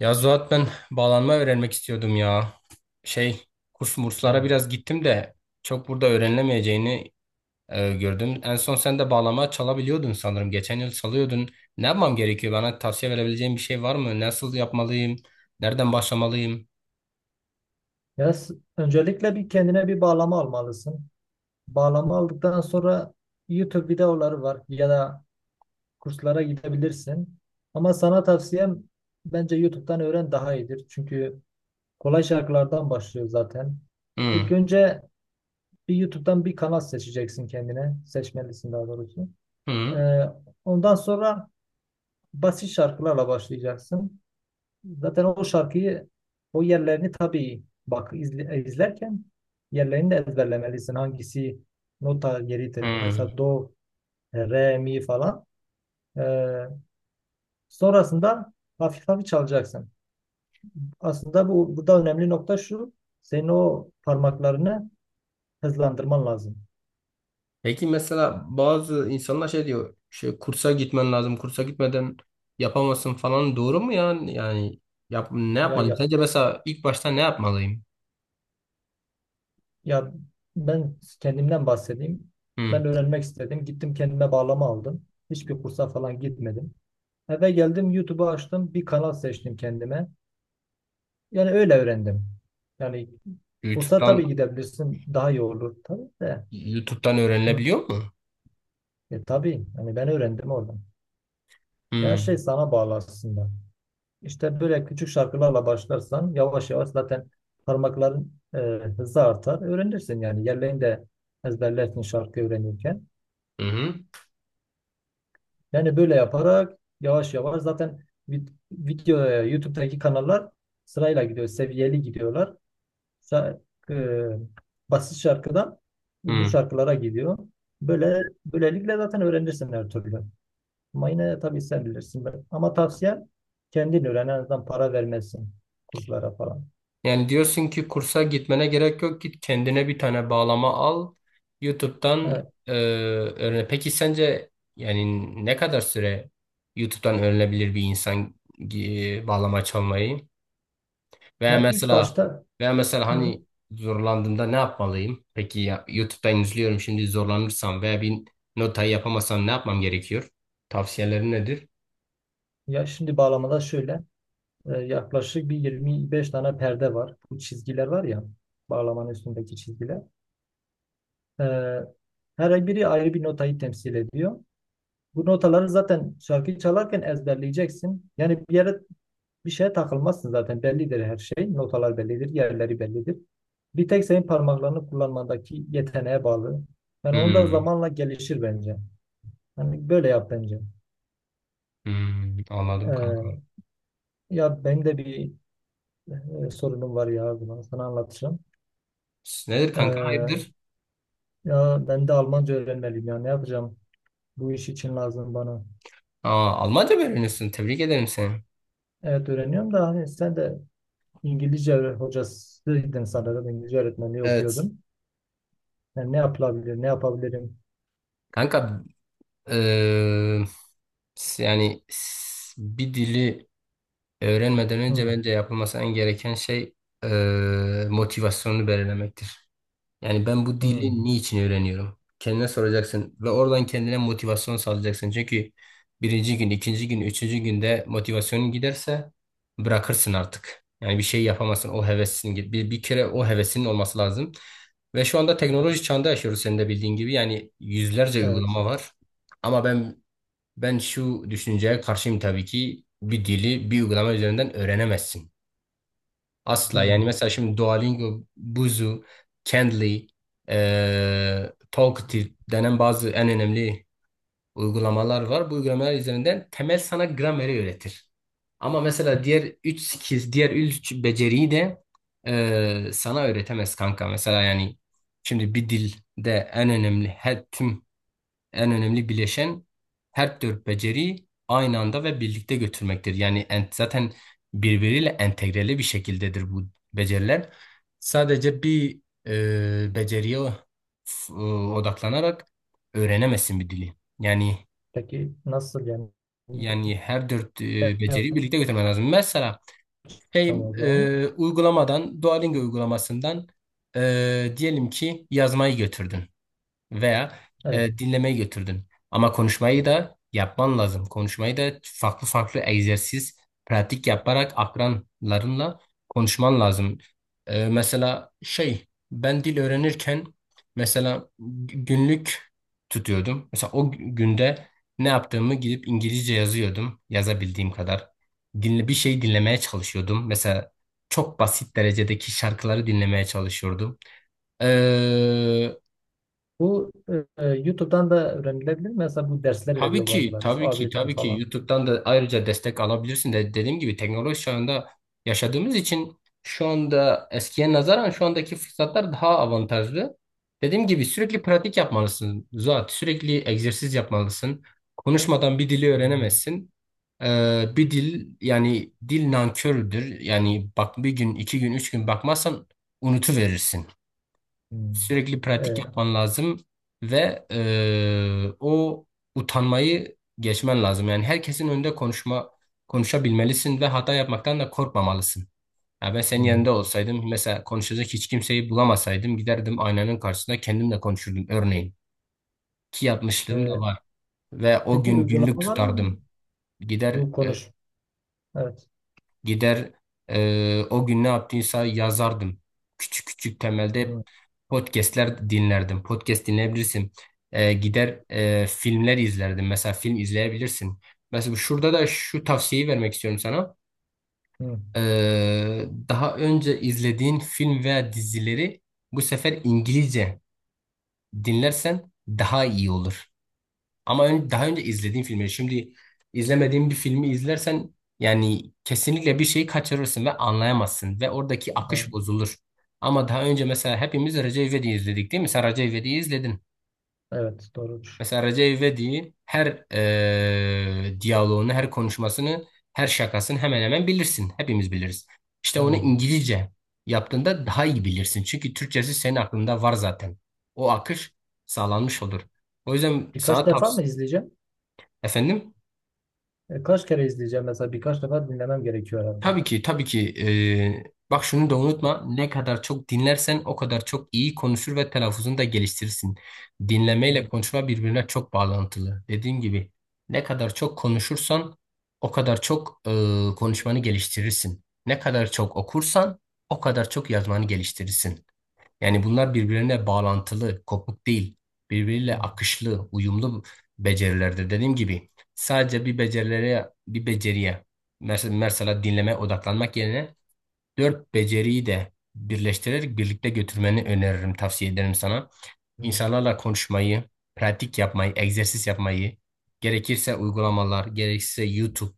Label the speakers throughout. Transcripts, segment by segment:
Speaker 1: Ya Zuhat ben bağlanma öğrenmek istiyordum ya. Şey kurs
Speaker 2: Hı.
Speaker 1: murslara biraz gittim de çok burada öğrenilemeyeceğini gördüm. En son sen de bağlama çalabiliyordun sanırım. Geçen yıl çalıyordun. Ne yapmam gerekiyor? Bana tavsiye verebileceğin bir şey var mı? Nasıl yapmalıyım? Nereden başlamalıyım?
Speaker 2: Öncelikle bir kendine bir bağlama almalısın. Bağlama aldıktan sonra YouTube videoları var ya da kurslara gidebilirsin. Ama sana tavsiyem bence YouTube'dan öğren daha iyidir. Çünkü kolay şarkılardan başlıyor zaten. İlk
Speaker 1: Hı,
Speaker 2: önce bir YouTube'dan bir kanal seçeceksin kendine. Seçmelisin daha doğrusu.
Speaker 1: hı,
Speaker 2: Ee, Ondan sonra basit şarkılarla başlayacaksın. Zaten o şarkıyı o yerlerini tabii bak izlerken yerlerini de ezberlemelisin. Hangisi nota yeridir.
Speaker 1: hı.
Speaker 2: Mesela do, re, mi falan. Ee, Sonrasında hafif hafif çalacaksın. Aslında bu burada önemli nokta şu. Senin o parmaklarını hızlandırman lazım.
Speaker 1: Peki mesela bazı insanlar şey diyor. Şey, kursa gitmen lazım. Kursa gitmeden yapamazsın falan. Doğru mu ya? Yani ne
Speaker 2: Ya
Speaker 1: yapmalıyım?
Speaker 2: ya
Speaker 1: Sence mesela ilk başta ne yapmalıyım?
Speaker 2: ya ben kendimden bahsedeyim.
Speaker 1: Hı.
Speaker 2: Ben öğrenmek istedim. Gittim kendime bağlama aldım. Hiçbir kursa falan gitmedim. Eve geldim YouTube'u açtım. Bir kanal seçtim kendime. Yani öyle öğrendim. Yani kursa
Speaker 1: YouTube'dan
Speaker 2: tabii gidebilirsin. Daha iyi olur tabii de.
Speaker 1: YouTube'dan
Speaker 2: Hı.
Speaker 1: öğrenilebiliyor mu?
Speaker 2: Tabii. Yani ben öğrendim oradan. Ya her şey
Speaker 1: Hmm.
Speaker 2: sana bağlı aslında. İşte böyle küçük şarkılarla başlarsan yavaş yavaş zaten parmakların hızı artar. Öğrenirsin yani. Yerlerini de ezberlersin şarkı öğrenirken.
Speaker 1: Hı hı.
Speaker 2: Yani böyle yaparak yavaş yavaş zaten video YouTube'daki kanallar sırayla gidiyor. Seviyeli gidiyorlar. Basit şarkıdan uzun
Speaker 1: Hmm.
Speaker 2: şarkılara gidiyor. Böyle böylelikle zaten öğrenirsin her türlü. Ama yine tabii sen bilirsin. Ama tavsiyem kendin öğren. En azından para vermezsin kurslara falan.
Speaker 1: Yani diyorsun ki kursa gitmene gerek yok. Git kendine bir tane bağlama al. YouTube'dan
Speaker 2: Evet.
Speaker 1: öğren. Peki sence yani ne kadar süre YouTube'dan öğrenebilir bir insan bağlama çalmayı? Veya
Speaker 2: Ya ilk
Speaker 1: mesela
Speaker 2: başta
Speaker 1: veya mesela
Speaker 2: hı,
Speaker 1: hani zorlandığımda ne yapmalıyım? Peki ya, YouTube'dan izliyorum şimdi zorlanırsam veya bir notayı yapamasam ne yapmam gerekiyor? Tavsiyelerin nedir?
Speaker 2: ya şimdi bağlamada şöyle yaklaşık bir 25 tane perde var. Bu çizgiler var ya bağlamanın üstündeki çizgiler. E, Her biri ayrı bir notayı temsil ediyor. Bu notaları zaten şarkıyı çalarken ezberleyeceksin. Yani bir şeye takılmazsın zaten. Bellidir her şey. Notalar bellidir. Yerleri bellidir. Bir tek senin parmaklarını kullanmandaki yeteneğe bağlı. Yani onda
Speaker 1: Hmm.
Speaker 2: zamanla gelişir bence. Yani böyle yap bence.
Speaker 1: Hmm, anladım kanka.
Speaker 2: Ee, Ya benim de bir sorunum var ya. Bunu sana anlatacağım.
Speaker 1: Nedir kanka?
Speaker 2: Ee,
Speaker 1: Hayırdır?
Speaker 2: Ya ben de Almanca öğrenmeliyim ya. Ne yapacağım? Bu iş için lazım bana.
Speaker 1: Aa, Almanca mı öğreniyorsun? Tebrik ederim seni.
Speaker 2: Evet öğreniyorum da hani sen de İngilizce hocasıydın sanırım. İngilizce öğretmenliği
Speaker 1: Evet.
Speaker 2: okuyordun. Yani ne yapılabilir? Ne yapabilirim?
Speaker 1: Kanka eee, bir dili öğrenmeden önce
Speaker 2: Hı,
Speaker 1: bence yapılması en gereken şey motivasyonunu belirlemektir. Yani ben bu
Speaker 2: hı.
Speaker 1: dili niçin öğreniyorum? Kendine soracaksın ve oradan kendine motivasyon sağlayacaksın. Çünkü birinci gün, ikinci gün, üçüncü günde motivasyonun giderse bırakırsın artık. Yani bir şey yapamazsın. O hevesin git. Bir kere o hevesinin olması lazım. Ve şu anda teknoloji çağında yaşıyoruz senin de bildiğin gibi. Yani yüzlerce
Speaker 2: Evet.
Speaker 1: uygulama var. Ama ben ben şu düşünceye karşıyım tabii ki bir dili bir uygulama üzerinden öğrenemezsin. Asla
Speaker 2: Hmm.
Speaker 1: yani mesela şimdi Duolingo, Buzu, Cambly, Talkative denen bazı en önemli uygulamalar var. Bu uygulamalar üzerinden temel sana grameri öğretir. Ama mesela diğer 3 skill, diğer 3 beceriyi de sana öğretemez kanka. Mesela yani şimdi bir dilde en önemli bileşen her dört beceriyi aynı anda ve birlikte götürmektir. Zaten birbiriyle entegreli bir şekildedir bu beceriler. Sadece bir beceriye f- e, odaklanarak öğrenemezsin bir dili. Yani
Speaker 2: Peki nasıl yani?
Speaker 1: yani her dört
Speaker 2: Ne
Speaker 1: beceriyi
Speaker 2: yapacağım
Speaker 1: birlikte götürmen lazım. Mesela hey,
Speaker 2: o zaman?
Speaker 1: uygulamadan, Duolingo uygulamasından diyelim ki yazmayı götürdün veya
Speaker 2: Evet.
Speaker 1: dinlemeyi götürdün. Ama konuşmayı da yapman lazım. Konuşmayı da farklı farklı egzersiz, pratik yaparak akranlarınla konuşman lazım. Mesela ben dil öğrenirken mesela günlük tutuyordum. Mesela o günde ne yaptığımı gidip İngilizce yazıyordum, yazabildiğim kadar. Dinle, bir şey dinlemeye çalışıyordum. Mesela çok basit derecedeki şarkıları dinlemeye çalışıyordum.
Speaker 2: Bu YouTube'dan da öğrenilebilir. Mesela bu dersler
Speaker 1: Tabii
Speaker 2: veriyor
Speaker 1: ki,
Speaker 2: bazıları.
Speaker 1: tabii ki,
Speaker 2: A1'den
Speaker 1: tabii ki
Speaker 2: falan.
Speaker 1: YouTube'dan da ayrıca destek alabilirsin de dediğim gibi teknoloji çağında yaşadığımız için şu anda eskiye nazaran şu andaki fırsatlar daha avantajlı. Dediğim gibi sürekli pratik yapmalısın Zuhat, sürekli egzersiz yapmalısın. Konuşmadan bir dili öğrenemezsin. Bir dil yani dil nankördür. Yani bak bir gün, iki gün, üç gün bakmazsan unutuverirsin.
Speaker 2: Hmm.
Speaker 1: Sürekli pratik
Speaker 2: Evet.
Speaker 1: yapman lazım ve o utanmayı geçmen lazım. Yani herkesin önünde konuşabilmelisin ve hata yapmaktan da korkmamalısın. Ya ben senin
Speaker 2: Hmm.
Speaker 1: yerinde olsaydım mesela konuşacak hiç kimseyi bulamasaydım giderdim aynanın karşısında kendimle konuşurdum örneğin. Ki yapmışlığım da
Speaker 2: E,
Speaker 1: var ve o
Speaker 2: peki
Speaker 1: gün günlük
Speaker 2: uygulamalar mı?
Speaker 1: tutardım. Gider
Speaker 2: Bu
Speaker 1: e,
Speaker 2: konuş. Evet.
Speaker 1: Gider o gün ne yaptıysa yazardım. Küçük küçük
Speaker 2: Hmm.
Speaker 1: temelde podcastler dinlerdim. Podcast dinleyebilirsin. Gider filmler izlerdim. Mesela film izleyebilirsin. Mesela şurada da şu tavsiyeyi vermek istiyorum sana.
Speaker 2: Hmm.
Speaker 1: E, daha önce izlediğin film veya dizileri bu sefer İngilizce dinlersen daha iyi olur. Daha önce izlediğin filmleri şimdi izlemediğin bir filmi izlersen yani kesinlikle bir şeyi kaçırırsın ve anlayamazsın ve oradaki
Speaker 2: Evet.
Speaker 1: akış bozulur. Ama daha önce mesela hepimiz Recep İvedik'i izledik değil mi? Sen Recep İvedik'i izledin.
Speaker 2: Evet. Doğrudur.
Speaker 1: Mesela Recep İvedik'in her diyaloğunu, her konuşmasını, her şakasını hemen hemen bilirsin. Hepimiz biliriz. İşte onu
Speaker 2: Hmm.
Speaker 1: İngilizce yaptığında daha iyi bilirsin. Çünkü Türkçesi senin aklında var zaten. O akış sağlanmış olur. O yüzden
Speaker 2: Birkaç
Speaker 1: sana
Speaker 2: defa mı
Speaker 1: tavsiye...
Speaker 2: izleyeceğim?
Speaker 1: Efendim?
Speaker 2: Kaç kere izleyeceğim? Mesela birkaç defa dinlemem gerekiyor herhalde.
Speaker 1: Tabii ki, tabii ki. Bak şunu da unutma. Ne kadar çok dinlersen o kadar çok iyi konuşur ve telaffuzunu da geliştirirsin.
Speaker 2: Hmm.
Speaker 1: Dinlemeyle konuşma birbirine çok bağlantılı. Dediğim gibi ne kadar çok konuşursan o kadar çok konuşmanı geliştirirsin. Ne kadar çok okursan o kadar çok yazmanı geliştirirsin. Yani bunlar birbirine bağlantılı, kopuk değil. Birbiriyle
Speaker 2: Hmm.
Speaker 1: akışlı, uyumlu becerilerde dediğim gibi sadece bir beceriye mesela dinleme odaklanmak yerine dört beceriyi de birleştirerek birlikte götürmeni öneririm, tavsiye ederim sana.
Speaker 2: Hmm.
Speaker 1: İnsanlarla konuşmayı, pratik yapmayı, egzersiz yapmayı, gerekirse uygulamalar, gerekirse YouTube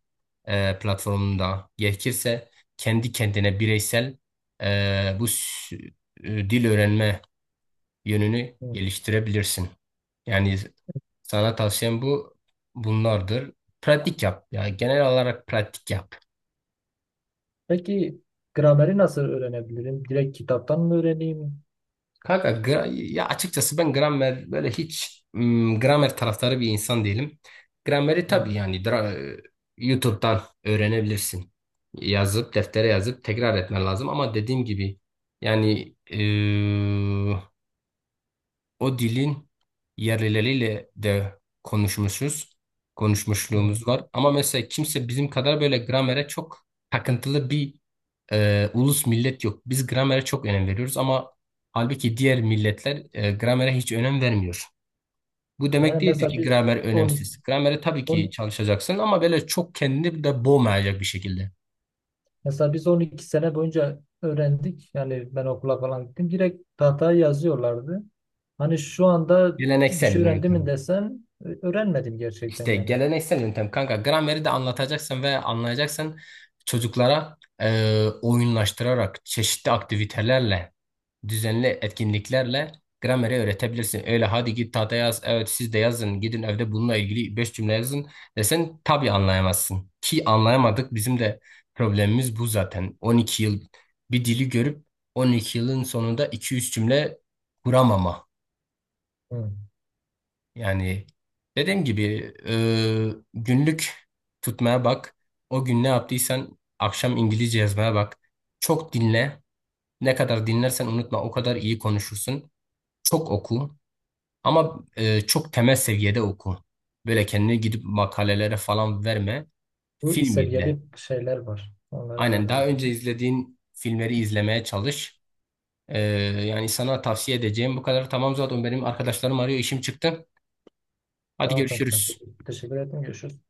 Speaker 1: platformunda, gerekirse kendi kendine bireysel e, bu s- dil öğrenme yönünü
Speaker 2: Hmm.
Speaker 1: geliştirebilirsin. Yani sana tavsiyem bunlardır. Pratik yap. Ya genel olarak pratik yap.
Speaker 2: Peki grameri nasıl öğrenebilirim? Direkt kitaptan mı öğreneyim?
Speaker 1: Kanka gra- ya açıkçası ben gramer böyle hiç gramer taraftarı bir insan değilim. Grameri tabii
Speaker 2: Hı,
Speaker 1: yani dra- YouTube'dan öğrenebilirsin. Deftere yazıp tekrar etmen lazım ama dediğim gibi yani O dilin yerlileriyle de konuşmuşuz.
Speaker 2: hı.
Speaker 1: Konuşmuşluğumuz var. Ama mesela kimse bizim kadar böyle gramere çok takıntılı bir ulus millet yok. Biz gramere çok önem veriyoruz ama halbuki diğer milletler gramere hiç önem vermiyor. Bu demek
Speaker 2: Yani
Speaker 1: değildir
Speaker 2: mesela
Speaker 1: ki
Speaker 2: biz
Speaker 1: gramer
Speaker 2: 12,
Speaker 1: önemsiz. Gramere tabii ki
Speaker 2: 10
Speaker 1: çalışacaksın ama böyle çok kendini de boğmayacak bir şekilde.
Speaker 2: 12 sene boyunca öğrendik. Yani ben okula falan gittim. Direkt tahtaya yazıyorlardı. Hani şu anda bir
Speaker 1: Geleneksel
Speaker 2: şey öğrendim mi
Speaker 1: yöntem.
Speaker 2: desen öğrenmedim gerçekten
Speaker 1: İşte
Speaker 2: yani.
Speaker 1: geleneksel yöntem kanka grameri de anlatacaksın ve anlayacaksın çocuklara oyunlaştırarak çeşitli aktivitelerle düzenli etkinliklerle grameri öğretebilirsin. Öyle hadi git tahta yaz evet siz de yazın gidin evde bununla ilgili 5 cümle yazın desen tabii anlayamazsın. Ki anlayamadık bizim de problemimiz bu zaten 12 yıl bir dili görüp 12 yılın sonunda iki üç cümle kuramama.
Speaker 2: Hı.
Speaker 1: Yani dediğim gibi günlük tutmaya bak. O gün ne yaptıysan akşam İngilizce yazmaya bak. Çok dinle. Ne kadar dinlersen unutma o kadar iyi konuşursun. Çok oku ama çok temel seviyede oku. Böyle kendini gidip makalelere falan verme.
Speaker 2: Bu
Speaker 1: Film izle.
Speaker 2: seviyeli şeyler var. Onlar
Speaker 1: Aynen
Speaker 2: herhalde
Speaker 1: daha önce
Speaker 2: okudum.
Speaker 1: izlediğin filmleri izlemeye çalış. E, yani sana tavsiye edeceğim bu kadar. Tamam zaten benim arkadaşlarım arıyor işim çıktı. Hadi
Speaker 2: Tamam kanka.
Speaker 1: görüşürüz.
Speaker 2: Teşekkür ederim. Görüşürüz.